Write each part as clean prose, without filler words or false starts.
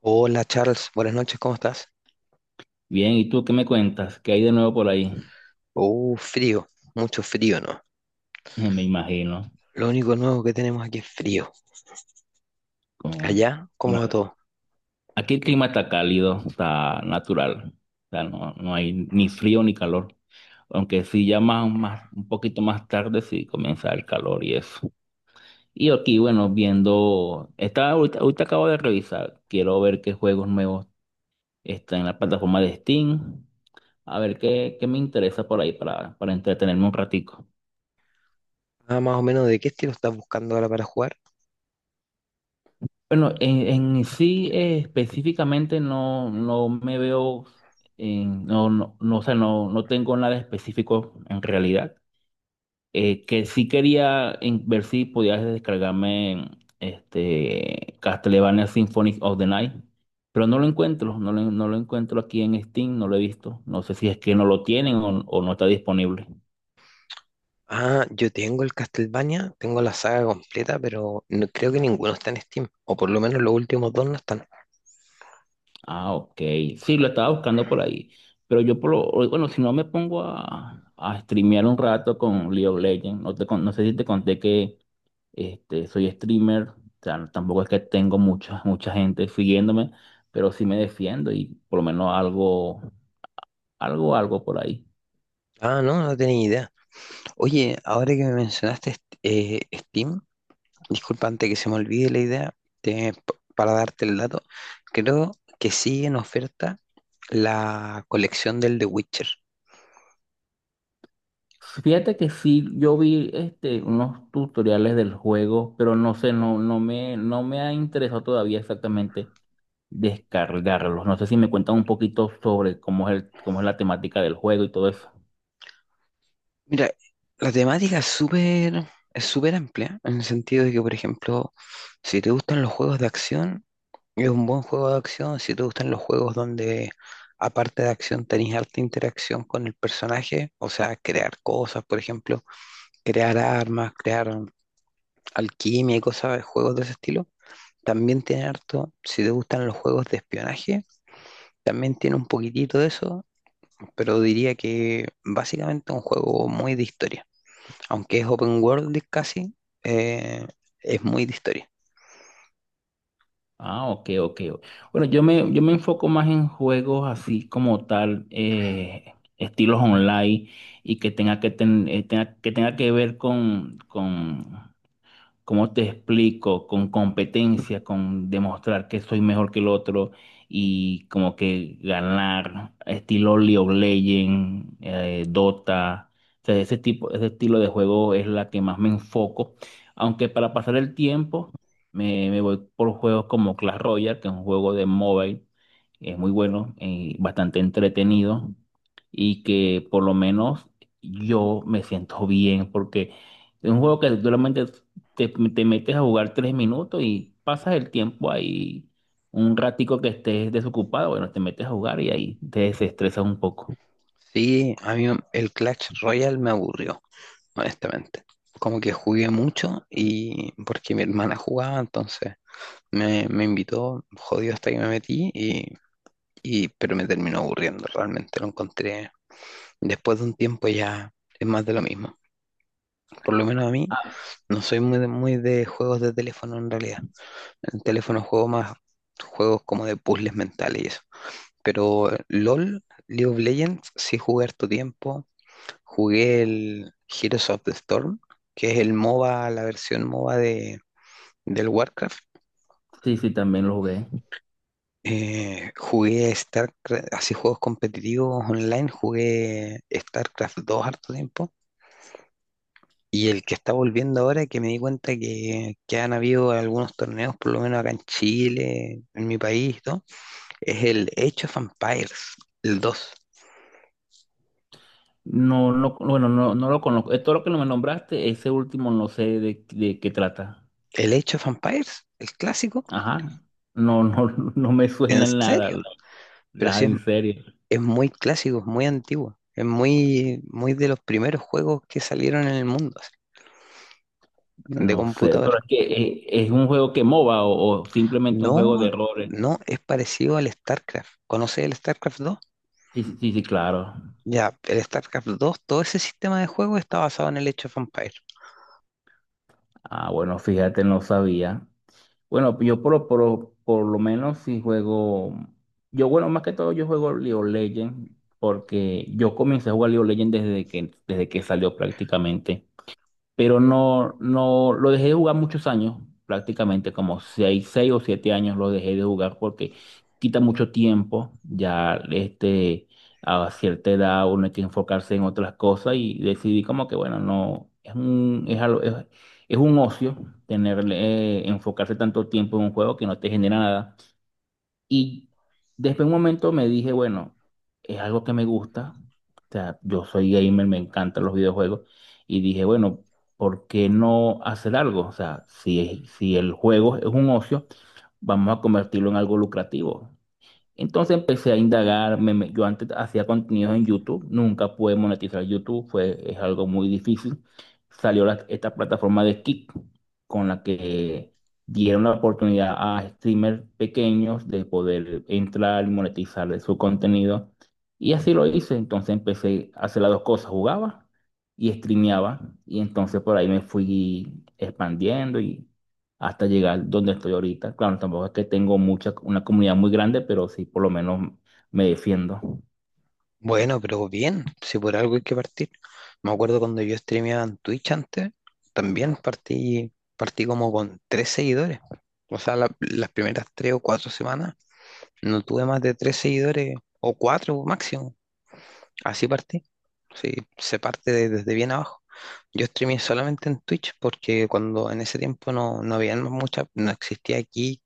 Hola Charles, buenas noches, ¿cómo estás? Bien, ¿y tú qué me cuentas? ¿Qué hay de nuevo por ahí? Frío, mucho frío, ¿no? Me imagino. Lo único nuevo que tenemos aquí es frío. Con... Allá, ¿cómo bueno, va todo? aquí el clima está cálido, está natural. O sea, no, no hay ni frío ni calor. Aunque sí, ya un poquito más tarde sí comienza el calor y eso. Y aquí, bueno, viendo. Estaba, ahorita acabo de revisar. Quiero ver qué juegos nuevos están en la plataforma de Steam. A ver qué me interesa por ahí para entretenerme un ratico. Ah, más o menos, ¿de qué estilo estás buscando ahora para jugar? Bueno, en sí específicamente no, no me veo, no, no, no, o sea, no, no tengo nada específico en realidad. Que sí quería ver si podías descargarme este, Castlevania Symphony of the Night, pero no lo encuentro, no lo encuentro aquí en Steam, no lo he visto. No sé si es que no lo tienen o no está disponible. Ah, yo tengo el Castlevania, tengo la saga completa, pero no, creo que ninguno está en Steam, o por lo menos los últimos dos no están. Ah, ok. Sí, lo estaba buscando por ahí. Pero yo, bueno, si no me pongo a streamear un rato con League of Legends, no, no sé si te conté que este, soy streamer, o sea, tampoco es que tengo mucha, mucha gente siguiéndome, pero sí me defiendo y por lo menos algo, algo, algo por ahí. Ah, no, no tenía idea. Oye, ahora que me mencionaste Steam, disculpa antes que se me olvide la idea, para darte el dato, creo que sigue en oferta la colección del The Witcher. Fíjate que sí, yo vi este, unos tutoriales del juego, pero no sé, no, no me ha interesado todavía exactamente. Descargarlos. No sé si me cuentan un poquito sobre cómo es la temática del juego y todo eso. Mira, la temática es súper, es súper amplia, en el sentido de que, por ejemplo, si te gustan los juegos de acción, es un buen juego de acción. Si te gustan los juegos donde, aparte de acción, tenés harta interacción con el personaje, o sea, crear cosas, por ejemplo, crear armas, crear alquimia y cosas, juegos de ese estilo, también tiene harto. Si te gustan los juegos de espionaje, también tiene un poquitito de eso. Pero diría que básicamente es un juego muy de historia. Aunque es open world casi, eh, es muy de historia. Ah, ok, ok. Bueno, yo me enfoco más en juegos así como tal, estilos online y que tenga que, ten- tenga que ver con, ¿cómo te explico? Con competencia, con demostrar que soy mejor que el otro y como que ganar, estilo League of Legends, Dota. O sea, ese tipo, ese estilo de juego es la que más me enfoco. Aunque para pasar el tiempo me voy por juegos como Clash Royale, que es un juego de mobile, es muy bueno, bastante entretenido y que por lo menos yo me siento bien porque es un juego que solamente te metes a jugar 3 minutos y pasas el tiempo ahí un ratico que estés desocupado, bueno, te metes a jugar y ahí te desestresas un poco. Sí, a mí el Clash Royale me aburrió, honestamente. Como que jugué mucho y porque mi hermana jugaba, entonces me invitó, jodido hasta que me metí, pero me terminó aburriendo, realmente lo encontré. Después de un tiempo ya es más de lo mismo. Por lo menos a mí, no soy muy de juegos de teléfono en realidad. En teléfono juego más juegos como de puzzles mentales y eso. Pero LOL, League of Legends, sí jugué harto tiempo. Jugué el Heroes of the Storm, que es el MOBA, la versión MOBA del Warcraft. Sí, sí, también lo jugué. Jugué StarCraft, así juegos competitivos online, jugué StarCraft 2 harto tiempo. Y el que está volviendo ahora, que me di cuenta que han habido algunos torneos, por lo menos acá en Chile, en mi país, y todo. Es el Age of Empires, el dos. No, no, bueno, no, no lo conozco. Todo lo que me nombraste, ese último no sé de qué trata. El Age of Empires, el clásico. Ajá. No, no, no me ¿En suena en nada, serio? Pero sí en serio. es muy clásico, es muy antiguo. Es muy de los primeros juegos que salieron en el mundo, así, de No sé, computador. pero es que un juego que MOBA o simplemente un juego de No, errores. no, es parecido al StarCraft. ¿Conoces el StarCraft dos? Sí, sí, sí, claro. Ya, el StarCraft dos, todo ese sistema de juego está basado en el Age of Empires. Ah, bueno, fíjate, no sabía. Bueno, yo por lo menos si juego, yo bueno, más que todo yo juego League of Legends porque yo comencé a jugar League of Legends desde que salió prácticamente, pero no, no, lo dejé de jugar muchos años, prácticamente como seis o siete años lo dejé de jugar porque quita mucho tiempo, ya este, a cierta edad uno hay que enfocarse en otras cosas y decidí como que bueno, no, es un, es algo- es un ocio tener, enfocarse tanto tiempo en un juego que no te genera nada. Y después de un momento me dije, bueno, es algo que me gusta. O sea, yo soy gamer, me encantan los videojuegos. Y dije, bueno, ¿por qué no hacer algo? O sea, si el juego es un ocio, vamos a convertirlo en algo lucrativo. Entonces empecé a indagar, yo antes hacía contenidos en YouTube, nunca pude monetizar YouTube, es algo muy difícil. Salió esta plataforma de Kick, con la que dieron la oportunidad a streamers pequeños de poder entrar y monetizar su contenido. Y así lo hice, entonces empecé a hacer las dos cosas, jugaba y streameaba, y entonces por ahí me fui expandiendo hasta llegar donde estoy ahorita. Claro, tampoco es que tengo una comunidad muy grande, pero sí por lo menos me defiendo. Bueno, pero bien, si por algo hay que partir. Me acuerdo cuando yo streameaba en Twitch antes, también partí, partí como con tres seguidores. O sea, las primeras tres o cuatro semanas no tuve más de tres seguidores o cuatro máximo. Así partí. Sí, se parte desde bien abajo. Yo streameé solamente en Twitch porque cuando en ese tiempo no había mucha, no existía aquí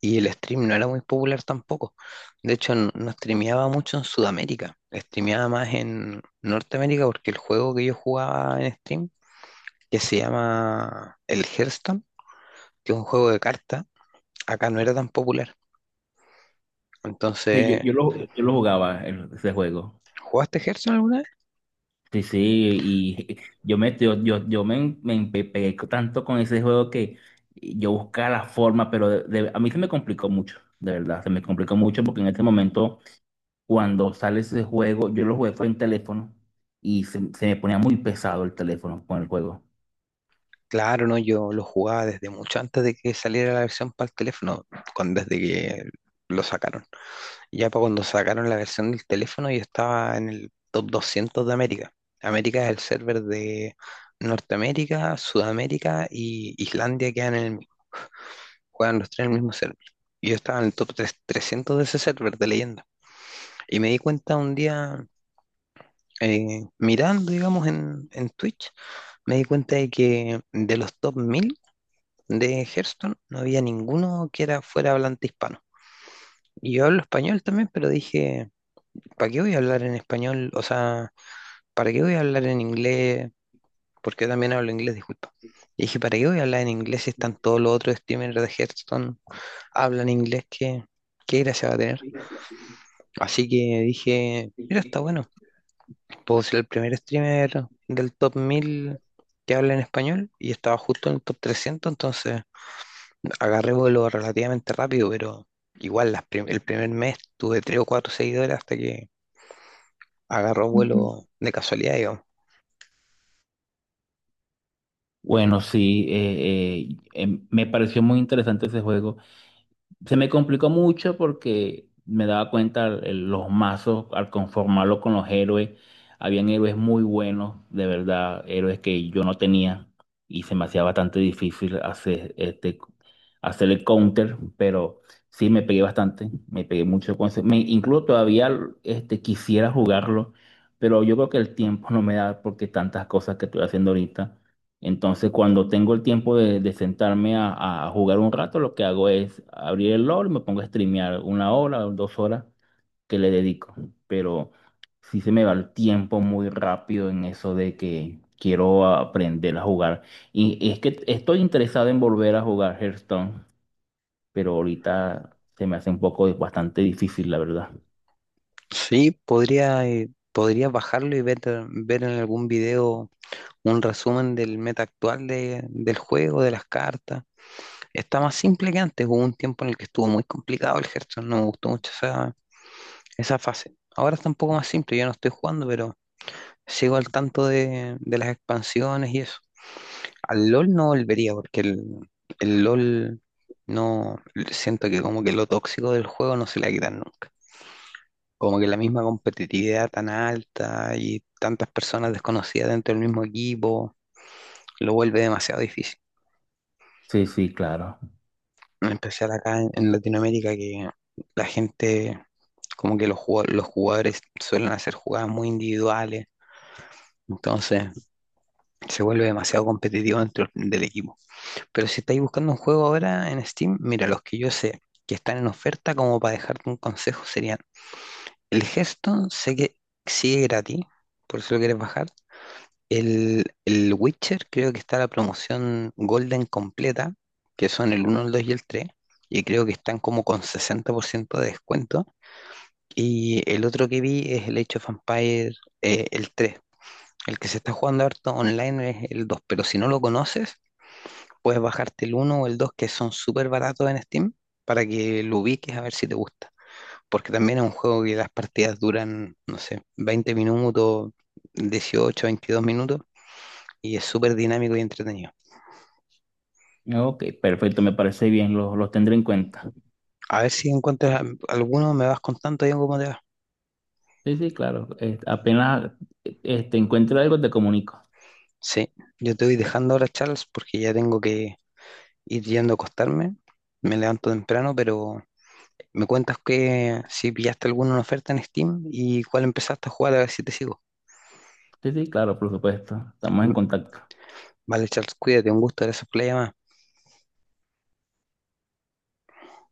y el stream no era muy popular tampoco. De hecho, no streameaba mucho en Sudamérica. Streameaba más en Norteamérica porque el juego que yo jugaba en stream, que se llama el Hearthstone, que es un juego de cartas, acá no era tan popular. Sí, Entonces, yo lo jugaba ese juego. ¿jugaste Hearthstone alguna vez? Sí, sí, y yo me, yo me, me empe- pegué tanto con ese juego que yo buscaba la forma, pero a mí se me complicó mucho, de verdad, se me complicó mucho porque en este momento, cuando sale ese juego, yo lo jugué fue en teléfono y se me ponía muy pesado el teléfono con el juego. Claro, no, yo lo jugaba desde mucho antes de que saliera la versión para el teléfono, cuando, desde que lo sacaron. Ya para cuando sacaron la versión del teléfono, yo estaba en el top 200 de América. América es el server de Norteamérica, Sudamérica y Islandia quedan en el mismo, juegan los tres en el mismo server. Y yo estaba en el top 300 de ese server de leyenda. Y me di cuenta un día, mirando, digamos, en Twitch, me di cuenta de que de los top 1000 de Hearthstone no había ninguno que era fuera hablante hispano. Y yo hablo español también, pero dije, ¿para qué voy a hablar en español? O sea, ¿para qué voy a hablar en inglés? Porque yo también hablo inglés, disculpa. Y dije, ¿para qué voy a hablar en inglés si están todos los otros streamers de Hearthstone hablan inglés? ¿Qué gracia va a tener? Así que dije, mira, está bueno. Puedo ser el primer streamer del top 1000 que habla en español y estaba justo en el top 300, entonces agarré vuelo relativamente rápido, pero igual las el primer mes tuve 3 o 4 seguidores hasta que agarró vuelo de casualidad, digamos. Bueno, sí, me pareció muy interesante ese juego. Se me complicó mucho porque me daba cuenta los mazos al conformarlo con los héroes. Habían héroes muy buenos, de verdad, héroes que yo no tenía y se me hacía bastante difícil hacer este, hacer el counter, pero sí me pegué bastante, me pegué mucho con ese. Incluso todavía este, quisiera jugarlo, pero yo creo que el tiempo no me da porque tantas cosas que estoy haciendo ahorita. Entonces, cuando tengo el tiempo de sentarme a jugar un rato, lo que hago es abrir el LOL y me pongo a streamear una hora o dos horas que le dedico. Pero sí se me va el tiempo muy rápido en eso de que quiero aprender a jugar. Y es que estoy interesado en volver a jugar Hearthstone, pero ahorita se me hace un poco bastante difícil, la verdad. Sí, podría, podría bajarlo y ver, ver en algún video un resumen del meta actual del juego, de las cartas. Está más simple que antes. Hubo un tiempo en el que estuvo muy complicado el Hearthstone. No me gustó mucho esa, esa fase. Ahora está un poco más simple. Yo no estoy jugando, pero sigo al tanto de las expansiones y eso. Al LOL no volvería porque el LOL, no siento que como que lo tóxico del juego no se le ha quitado nunca. Como que la misma competitividad tan alta y tantas personas desconocidas dentro del mismo equipo lo vuelve demasiado difícil. Sí, sí, claro. En especial acá en Latinoamérica, que la gente, como que los jugadores suelen hacer jugadas muy individuales, entonces se vuelve demasiado competitivo dentro del equipo. Pero si estáis buscando un juego ahora en Steam, mira, los que yo sé que están en oferta, como para dejarte un consejo, serían el Hearthstone, sé que sigue gratis, por eso lo quieres bajar. El Witcher creo que está la promoción Golden completa, que son el uno, el 2 y el 3 y creo que están como con 60% de descuento. Y el otro que vi es el Age of Empires, el tres. El que se está jugando harto online es el dos, pero si no lo conoces, puedes bajarte el uno o el 2 que son súper baratos en Steam para que lo ubiques a ver si te gusta. Porque también es un juego que las partidas duran, no sé, 20 minutos, 18, 22 minutos y es súper dinámico y entretenido. Ok, perfecto, me parece bien, los tendré en cuenta. A ver si encuentras alguno, me vas contando ya cómo te va. Sí, sí, claro. Apenas te encuentre algo, te comunico. Sí, yo te voy dejando ahora, Charles, porque ya tengo que ir yendo a acostarme. Me levanto temprano, pero me cuentas que si pillaste alguna oferta en Steam y cuál empezaste a jugar, a ver si te sigo. Sí, sí, claro, por supuesto. Estamos en Y- contacto. vale, Charles, cuídate, un gusto, gracias por la llamada.